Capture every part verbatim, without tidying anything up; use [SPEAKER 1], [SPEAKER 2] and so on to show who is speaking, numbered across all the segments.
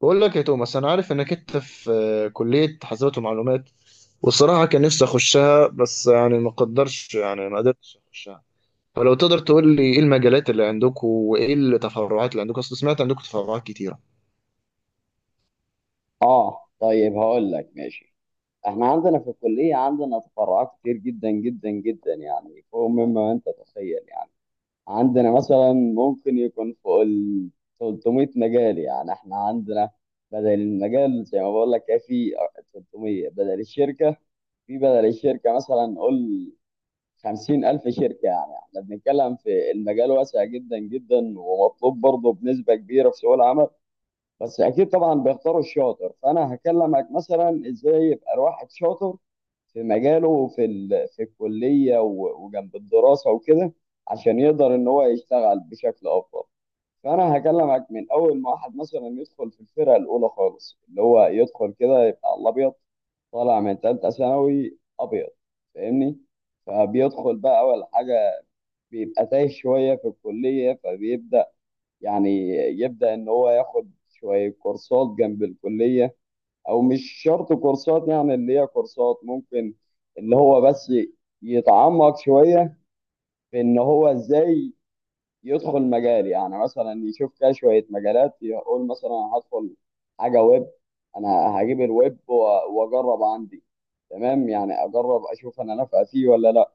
[SPEAKER 1] بقول لك يا توماس، انا عارف انك انت في آه، كلية حاسبات ومعلومات. والصراحة كان نفسي اخشها، بس يعني ما قدرش يعني ما قدرتش اخشها. فلو تقدر تقول لي ايه المجالات اللي عندكم وايه التفرعات اللي عندكم، اصل سمعت عندكم تفرعات كتيرة،
[SPEAKER 2] اه طيب هقول لك ماشي. احنا عندنا في الكلية عندنا تفرعات كتير جدا جدا جدا، يعني فوق مما انت تتخيل. يعني عندنا مثلا ممكن يكون فوق ال تلت ميت مجال. يعني احنا عندنا بدل المجال زي ما بقول لك كده في ثلاث مئة بدل الشركة. في بدل الشركة مثلا قول خمسين الف شركة. يعني احنا بنتكلم في المجال واسع جدا جدا، ومطلوب برضه بنسبة كبيرة في سوق العمل. بس اكيد طبعا بيختاروا الشاطر. فانا هكلمك مثلا ازاي يبقى الواحد شاطر في مجاله، في ال... في الكليه، و... وجنب الدراسه وكده، عشان يقدر ان هو يشتغل بشكل افضل. فانا هكلمك من اول ما واحد مثلا يدخل في الفرقه الاولى خالص، اللي هو يدخل كده يبقى على الابيض، طالع من ثالثه ثانوي ابيض. فاهمني؟ فبيدخل بقى اول حاجه بيبقى تايه شويه في الكليه، فبيبدا يعني يبدأ إن هو ياخد شوية كورسات جنب الكلية، أو مش شرط كورسات، يعني اللي هي كورسات ممكن اللي هو بس يتعمق شوية في إن هو إزاي يدخل مجال. يعني مثلا يشوف كده شوية مجالات، يقول مثلا أنا هدخل حاجة ويب، أنا هجيب الويب و- وأجرب عندي، تمام؟ يعني أجرب أشوف أنا نافع فيه ولا لأ.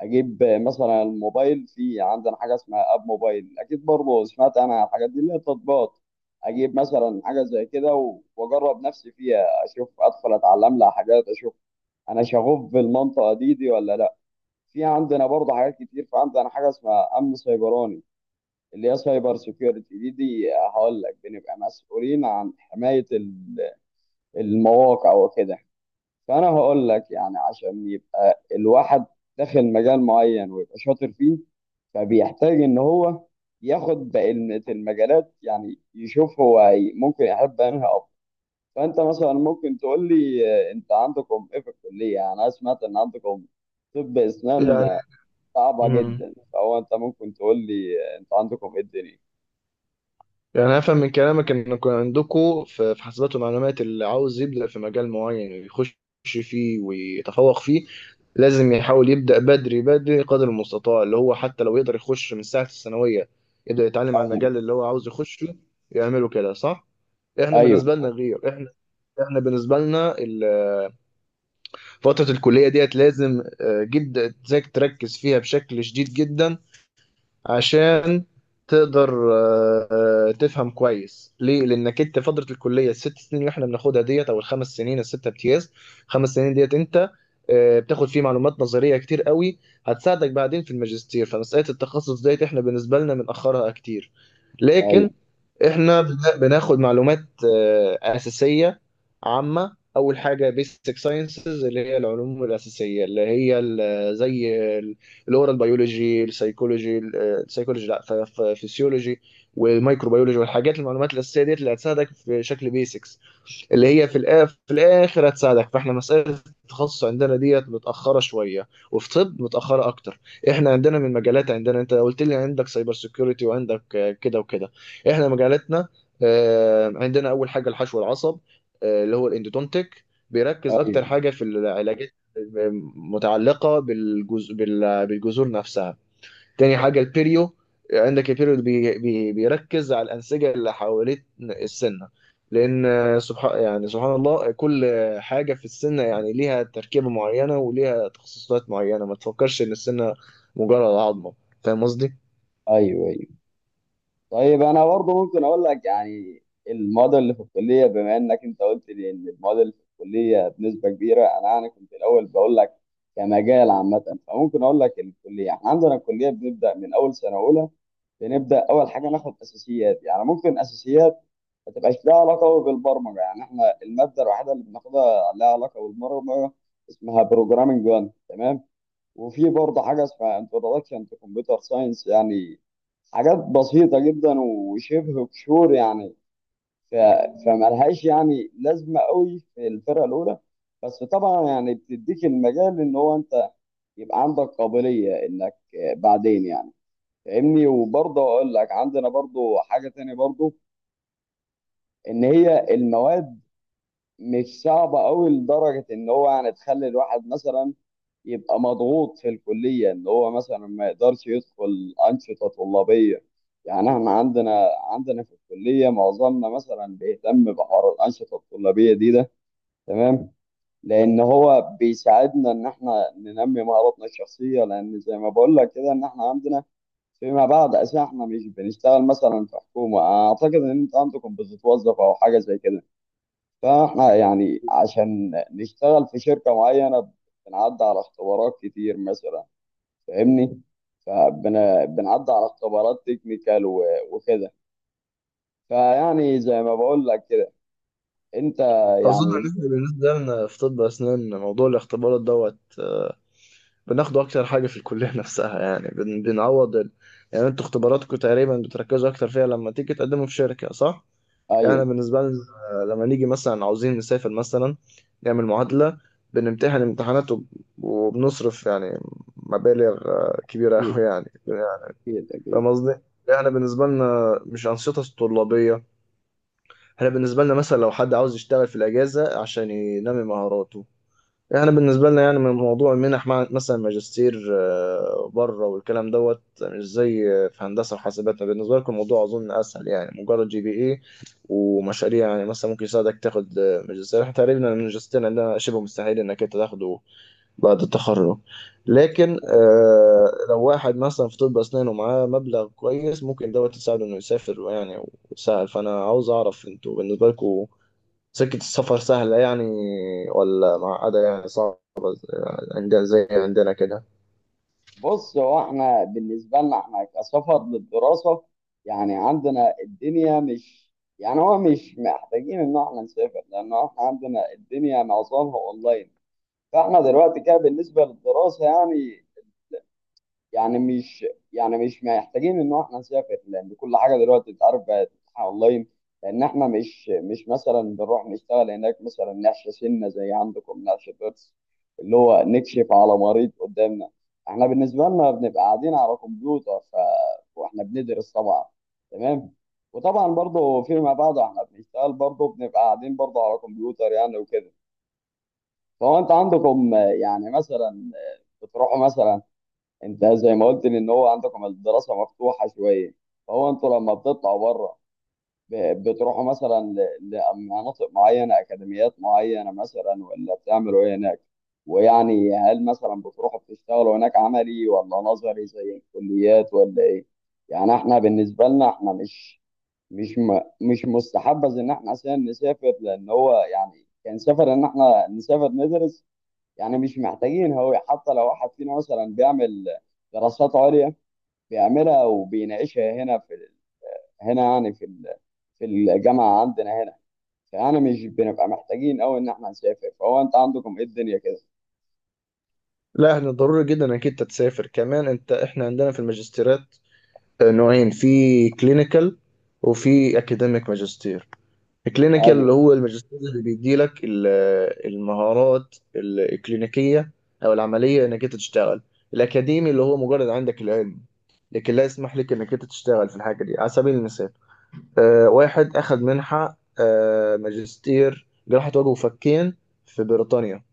[SPEAKER 2] اجيب مثلا الموبايل. في عندنا حاجه اسمها اب موبايل، اكيد برضه سمعت انا عن الحاجات دي اللي هي التطبيقات. اجيب مثلا حاجه زي كده و- واجرب نفسي فيها، اشوف ادخل اتعلم لها حاجات، اشوف انا شغوف بالمنطقه دي دي ولا لا. في عندنا برضه حاجات كتير، فعندنا حاجه اسمها امن سيبراني، اللي هي سايبر سيكيورتي. دي دي هقول لك بنبقى مسؤولين عن حمايه ال- المواقع وكده. فانا هقول لك يعني عشان يبقى الواحد داخل مجال معين ويبقى شاطر فيه، فبيحتاج ان هو ياخد بقية المجالات، يعني يشوف هو هي- ممكن يحب انهي اكتر. فانت مثلا ممكن تقول لي، آه، انت عندكم ايه في الكليه؟ يعني انا سمعت ان عندكم طب اسنان
[SPEAKER 1] يعني.
[SPEAKER 2] آه، صعبه
[SPEAKER 1] مم.
[SPEAKER 2] جدا. فهو انت ممكن تقول لي، آه، انت عندكم ايه الدنيا.
[SPEAKER 1] يعني أنا أفهم من كلامك إنكم عندكم في في حاسبات ومعلومات اللي عاوز يبدأ في مجال معين ويخش فيه ويتفوق فيه لازم يحاول يبدأ بدري بدري قدر المستطاع، اللي هو حتى لو يقدر يخش من ساعة الثانوية يبدأ يتعلم على المجال اللي هو عاوز يخشه، يعمله كده، صح؟ إحنا بالنسبة
[SPEAKER 2] ايوه،
[SPEAKER 1] لنا غير. إحنا إحنا بالنسبة لنا ال- فترة الكلية ديت لازم آه، جدا إنك تركز فيها بشكل شديد جدا عشان تقدر آه، آه، تفهم كويس. ليه؟ لانك انت فتره الكليه الست سنين اللي احنا بناخدها ديت، او الخمس سنين، السته امتياز، خمس سنين ديت انت آه، بتاخد فيه معلومات نظريه كتير قوي هتساعدك بعدين في الماجستير. فمساله التخصص ديت احنا بالنسبه لنا بنأخرها كتير. لكن
[SPEAKER 2] ايوه،
[SPEAKER 1] احنا بن- بناخد معلومات آه، أساسية عامة. أول حاجة بيسك ساينسز اللي هي العلوم الأساسية، اللي هي ال- زي الأورال بيولوجي، السيكولوجي السيكولوجي لا، فسيولوجي، والميكروبيولوجي والحاجات المعلومات الأساسية ديت اللي هتساعدك في شكل بيسك، اللي هي في الآ- في الاخر هتساعدك. فاحنا مساله التخصص عندنا ديت متاخره شويه، وفي طب متاخره اكتر. احنا عندنا من مجالات، عندنا انت قلت لي عندك سايبر سيكيورتي وعندك آه، كده وكده. احنا مجالاتنا آه، عندنا اول حاجه الحشو العصب، آه، اللي هو الاندودونتيك، بيركز اكتر
[SPEAKER 2] ايوه،
[SPEAKER 1] حاجه في العلاجات متعلقه بالجز... بال- بالجذور نفسها. تاني حاجة البيريو. عندك البيريو بي بي بيركز على الأنسجة اللي حوالين السنة، لأن سبحان يعني سبحان الله، كل حاجة في السنة يعني ليها تركيبة معينة وليها تخصصات معينة. ما تفكرش إن السنة مجرد عظمة، فاهم قصدي؟
[SPEAKER 2] ايوه، أيوه. طيب انا برضه ممكن اقول لك يعني المواد اللي في الكليه، بما انك انت قلت لي ان المواد اللي في الكليه بنسبه كبيره انا يعني كنت الاول بقول لك كمجال عامه، فممكن اقول لك الكليه. احنا عندنا الكليه بنبدا من اول سنه اولى، بنبدا اول حاجه ناخد اساسيات. يعني ممكن اساسيات ما تبقاش لها علاقه قوي بالبرمجه. يعني احنا الماده الوحيده اللي بناخدها لها علاقه بالبرمجه اسمها بروجرامنج واحد، تمام؟ وفي برضه حاجه اسمها انتروداكشن تو كمبيوتر ساينس. يعني حاجات بسيطة جدا وشبه قشور يعني، ف... فملهاش يعني لازمة قوي في الفرقة الأولى. بس طبعا يعني بتديك المجال إن هو أنت يبقى عندك قابلية إنك بعدين يعني، فاهمني؟ وبرضه أقول لك عندنا برضه حاجة تانية برضه، إن هي المواد مش صعبة قوي لدرجة إن هو يعني تخلي الواحد مثلا يبقى مضغوط في الكلية، اللي هو مثلا ما يقدرش يدخل أنشطة طلابية. يعني احنا عندنا عندنا في الكلية معظمنا مثلا بيهتم بحوار الأنشطة الطلابية دي ده، تمام؟ لأن هو بيساعدنا إن احنا ننمي مهاراتنا الشخصية، لأن زي ما بقول لك كده إن احنا عندنا فيما بعد أساسا احنا مش بنشتغل مثلا في حكومة. أعتقد إن أنت عندكم بتتوظف أو حاجة زي كده، فاحنا يعني عشان نشتغل في شركة معينة بنعدي على اختبارات كتير مثلا، فاهمني؟ فبنعدي على اختبارات تكنيكال و- وكده. فيعني زي ما بقول لك كده انت
[SPEAKER 1] أظن
[SPEAKER 2] يعني،
[SPEAKER 1] إن إحنا بالنسبة لنا في طب أسنان موضوع الاختبارات دوت آه، بناخده أكتر حاجة في الكلية نفسها، يعني بن- بنعوض ال... يعني أنتوا اختباراتكم تقريبا بتركزوا أكتر فيها لما تيجي تقدموا في شركة، صح؟ يعني
[SPEAKER 2] ايوه،
[SPEAKER 1] أنا بالنسبة لنا آه، لما نيجي مثلا عاوزين نسافر مثلا، نعمل معادلة، بنمتحن امتحانات وب- وبنصرف، يعني مبالغ آه، كبيرة أوي
[SPEAKER 2] اكيد،
[SPEAKER 1] يعني،
[SPEAKER 2] اكيد، اكيد،
[SPEAKER 1] فاهم قصدي؟ يعني احنا بالنسبة لنا مش أنشطة طلابية. احنا بالنسبة لنا مثلا لو حد عاوز يشتغل في الأجازة عشان ينمي مهاراته، احنا بالنسبة لنا يعني من موضوع المنح، مع مثلا ماجستير آه، بره والكلام دوت، مش زي في هندسة وحاسبات. بالنسبة لكم الموضوع أظن أسهل، يعني مجرد جي بي اي ومشاريع يعني، مثلا ممكن يساعدك تاخد آه، ماجستير. احنا تقريبا الماجستير عندنا شبه مستحيل إنك أنت تاخده بعد التخرج. لكن
[SPEAKER 2] ايوه.
[SPEAKER 1] آه، لو واحد مثلا في طب أسنان ومعاه مبلغ كويس ممكن دوت يساعده إنه يسافر يعني، ويسهل. فأنا عاوز أعرف أنتوا بالنسبة لكم سكة السفر سهلة يعني، ولا معقدة يعني صعبة عندنا زي عندنا كده؟
[SPEAKER 2] بص، هو احنا بالنسبه لنا احنا كسفر للدراسه، يعني عندنا الدنيا مش، يعني هو مش محتاجين ان احنا نسافر، لان احنا عندنا الدنيا معظمها اونلاين. فاحنا دلوقتي كده بالنسبه للدراسه يعني، يعني مش يعني مش محتاجين ان احنا نسافر، لان كل حاجه دلوقتي اتعرف بقت اونلاين. لان احنا مش مش مثلا بنروح نشتغل هناك مثلا، نحشي سنه زي عندكم، نحشي ضرس، اللي هو نكشف على مريض قدامنا. احنا بالنسبه لنا بنبقى قاعدين على كمبيوتر ف... واحنا بندرس طبعا، تمام؟ وطبعا برضه فيما بعد احنا بنشتغل برضه، بنبقى قاعدين برضه على كمبيوتر يعني وكده. فهو انت عندكم آه، يعني مثلا بتروحوا مثلا، انت زي ما قلت لي ان هو عندكم الدراسه مفتوحه شويه. فهو انتوا لما بتطلعوا بره ب- بتروحوا مثلا ل- لمناطق معينه، اكاديميات معينه مثلا، ولا بتعملوا ايه هناك؟ ويعني هل مثلا بتروحوا بتشتغلوا هناك عملي ولا نظري زي الكليات ولا ايه؟ يعني احنا بالنسبه لنا احنا مش مش م... مش مستحبذ ان احنا عشان نسافر، لان هو يعني كان سفر ان احنا نسافر ندرس يعني. مش محتاجين، هو حتى لو واحد فينا مثلا بيعمل دراسات عليا بيعملها وبيناقشها هنا في ال- هنا، يعني في ال- في الجامعة عندنا هنا. فأنا مش بنبقى محتاجين أوي إن إحنا نسافر. فهو أنت عندكم إيه الدنيا كده؟
[SPEAKER 1] لا، احنا ضروري جدا انك انت تسافر كمان. انت احنا عندنا في الماجستيرات نوعين: في كلينيكال وفي اكاديميك ماجستير. الكلينيكال اللي
[SPEAKER 2] أيوه،
[SPEAKER 1] هو الماجستير اللي بيديلك ال- المهارات الكلينيكية او العملية انك انت تشتغل. الاكاديمي اللي هو مجرد عندك العلم، لكن لا يسمح لك انك انت تشتغل في الحاجة دي. على سبيل المثال، آه، واحد اخذ منحة آه، ماجستير جراحة وجه وفكين في بريطانيا،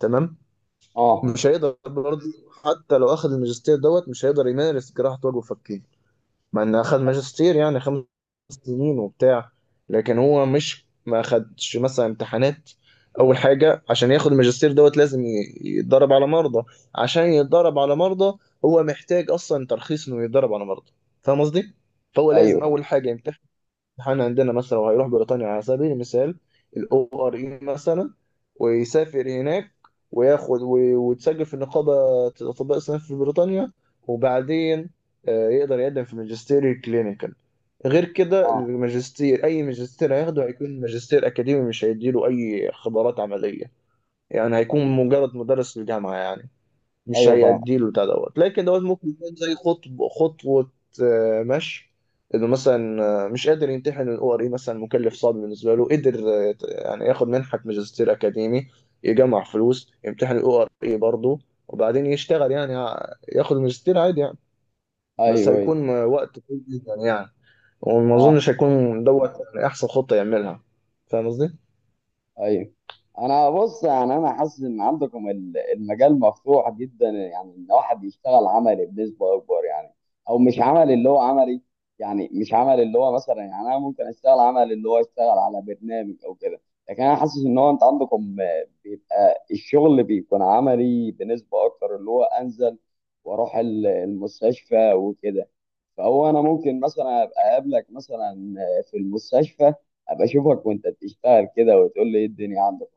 [SPEAKER 1] تمام.
[SPEAKER 2] أه،
[SPEAKER 1] مش هيقدر برضه، حتى لو اخذ الماجستير دوت مش هيقدر يمارس جراحة وجه وفكين، مع ان اخذ ماجستير يعني خمس سنين وبتاع. لكن هو مش ما اخدش مثلا امتحانات. اول حاجة عشان ياخد الماجستير دوت لازم ي- يتدرب على مرضى. عشان يتدرب على مرضى، هو محتاج اصلا ترخيص انه يتدرب على مرضى، فاهم قصدي؟ فهو
[SPEAKER 2] أيوه،
[SPEAKER 1] لازم اول حاجة يمتحن. احنا عندنا مثلا لو هيروح بريطانيا على سبيل المثال، الاو ار اي مثلا، ويسافر هناك وياخد و- ويتسجل في نقابة أطباء أسنان في بريطانيا، وبعدين آه، يقدر يقدم في ماجستير كلينيكال. غير كده
[SPEAKER 2] أه،
[SPEAKER 1] الماجستير، أي ماجستير هياخده هيكون ماجستير أكاديمي، مش هيديله أي خبرات عملية، يعني
[SPEAKER 2] أيوه،
[SPEAKER 1] هيكون مجرد مدرس في الجامعة يعني، مش
[SPEAKER 2] أيوه، فاهم،
[SPEAKER 1] هيأديله بتاع دوت. لكن دوت ممكن يكون زي خطب خطوة آه، مشي، انه مثلا آه، مش قادر يمتحن الاو ار اي مثلا، مكلف صعب بالنسبه له، قدر آه، يت- يعني ياخد منحه ماجستير اكاديمي، يجمع فلوس، يمتحن الاو ار اي برضه، وبعدين يشتغل يعني، ع- ياخد ماجستير عادي يعني. بس
[SPEAKER 2] أيوه، أيوه،
[SPEAKER 1] هيكون آه، وقت طويل جدا يعني، وما
[SPEAKER 2] آه،
[SPEAKER 1] اظنش هيكون دوت يعني احسن خطه يعملها، فاهم قصدي؟
[SPEAKER 2] ايوه. انا بص، يعني انا حاسس ان عندكم ال- المجال مفتوح جدا، يعني ان واحد يشتغل عملي بنسبه اكبر يعني. او مش عملي اللي هو عملي، يعني مش عملي اللي هو مثلا، يعني انا ممكن اشتغل عملي اللي هو اشتغل على برنامج او كده. لكن انا حاسس ان هو انت عندكم آه، بيبقى الشغل بيكون عملي بنسبه اكتر اللي هو انزل واروح ال- المستشفى وكده. فهو انا ممكن مثلا ابقى اقابلك مثلا آه، في المستشفى، ابقى اشوفك وانت بتشتغل كده وتقول لي ايه الدنيا عندك،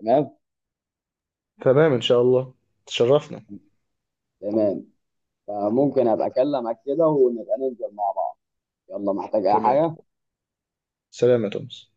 [SPEAKER 2] تمام؟
[SPEAKER 1] تمام ان شاء الله، تشرفنا.
[SPEAKER 2] تمام. فممكن ابقى اكلمك كده، ونبقى ننزل مع بعض. يلا، محتاج اي
[SPEAKER 1] تمام،
[SPEAKER 2] حاجه.
[SPEAKER 1] سلام يا توماس.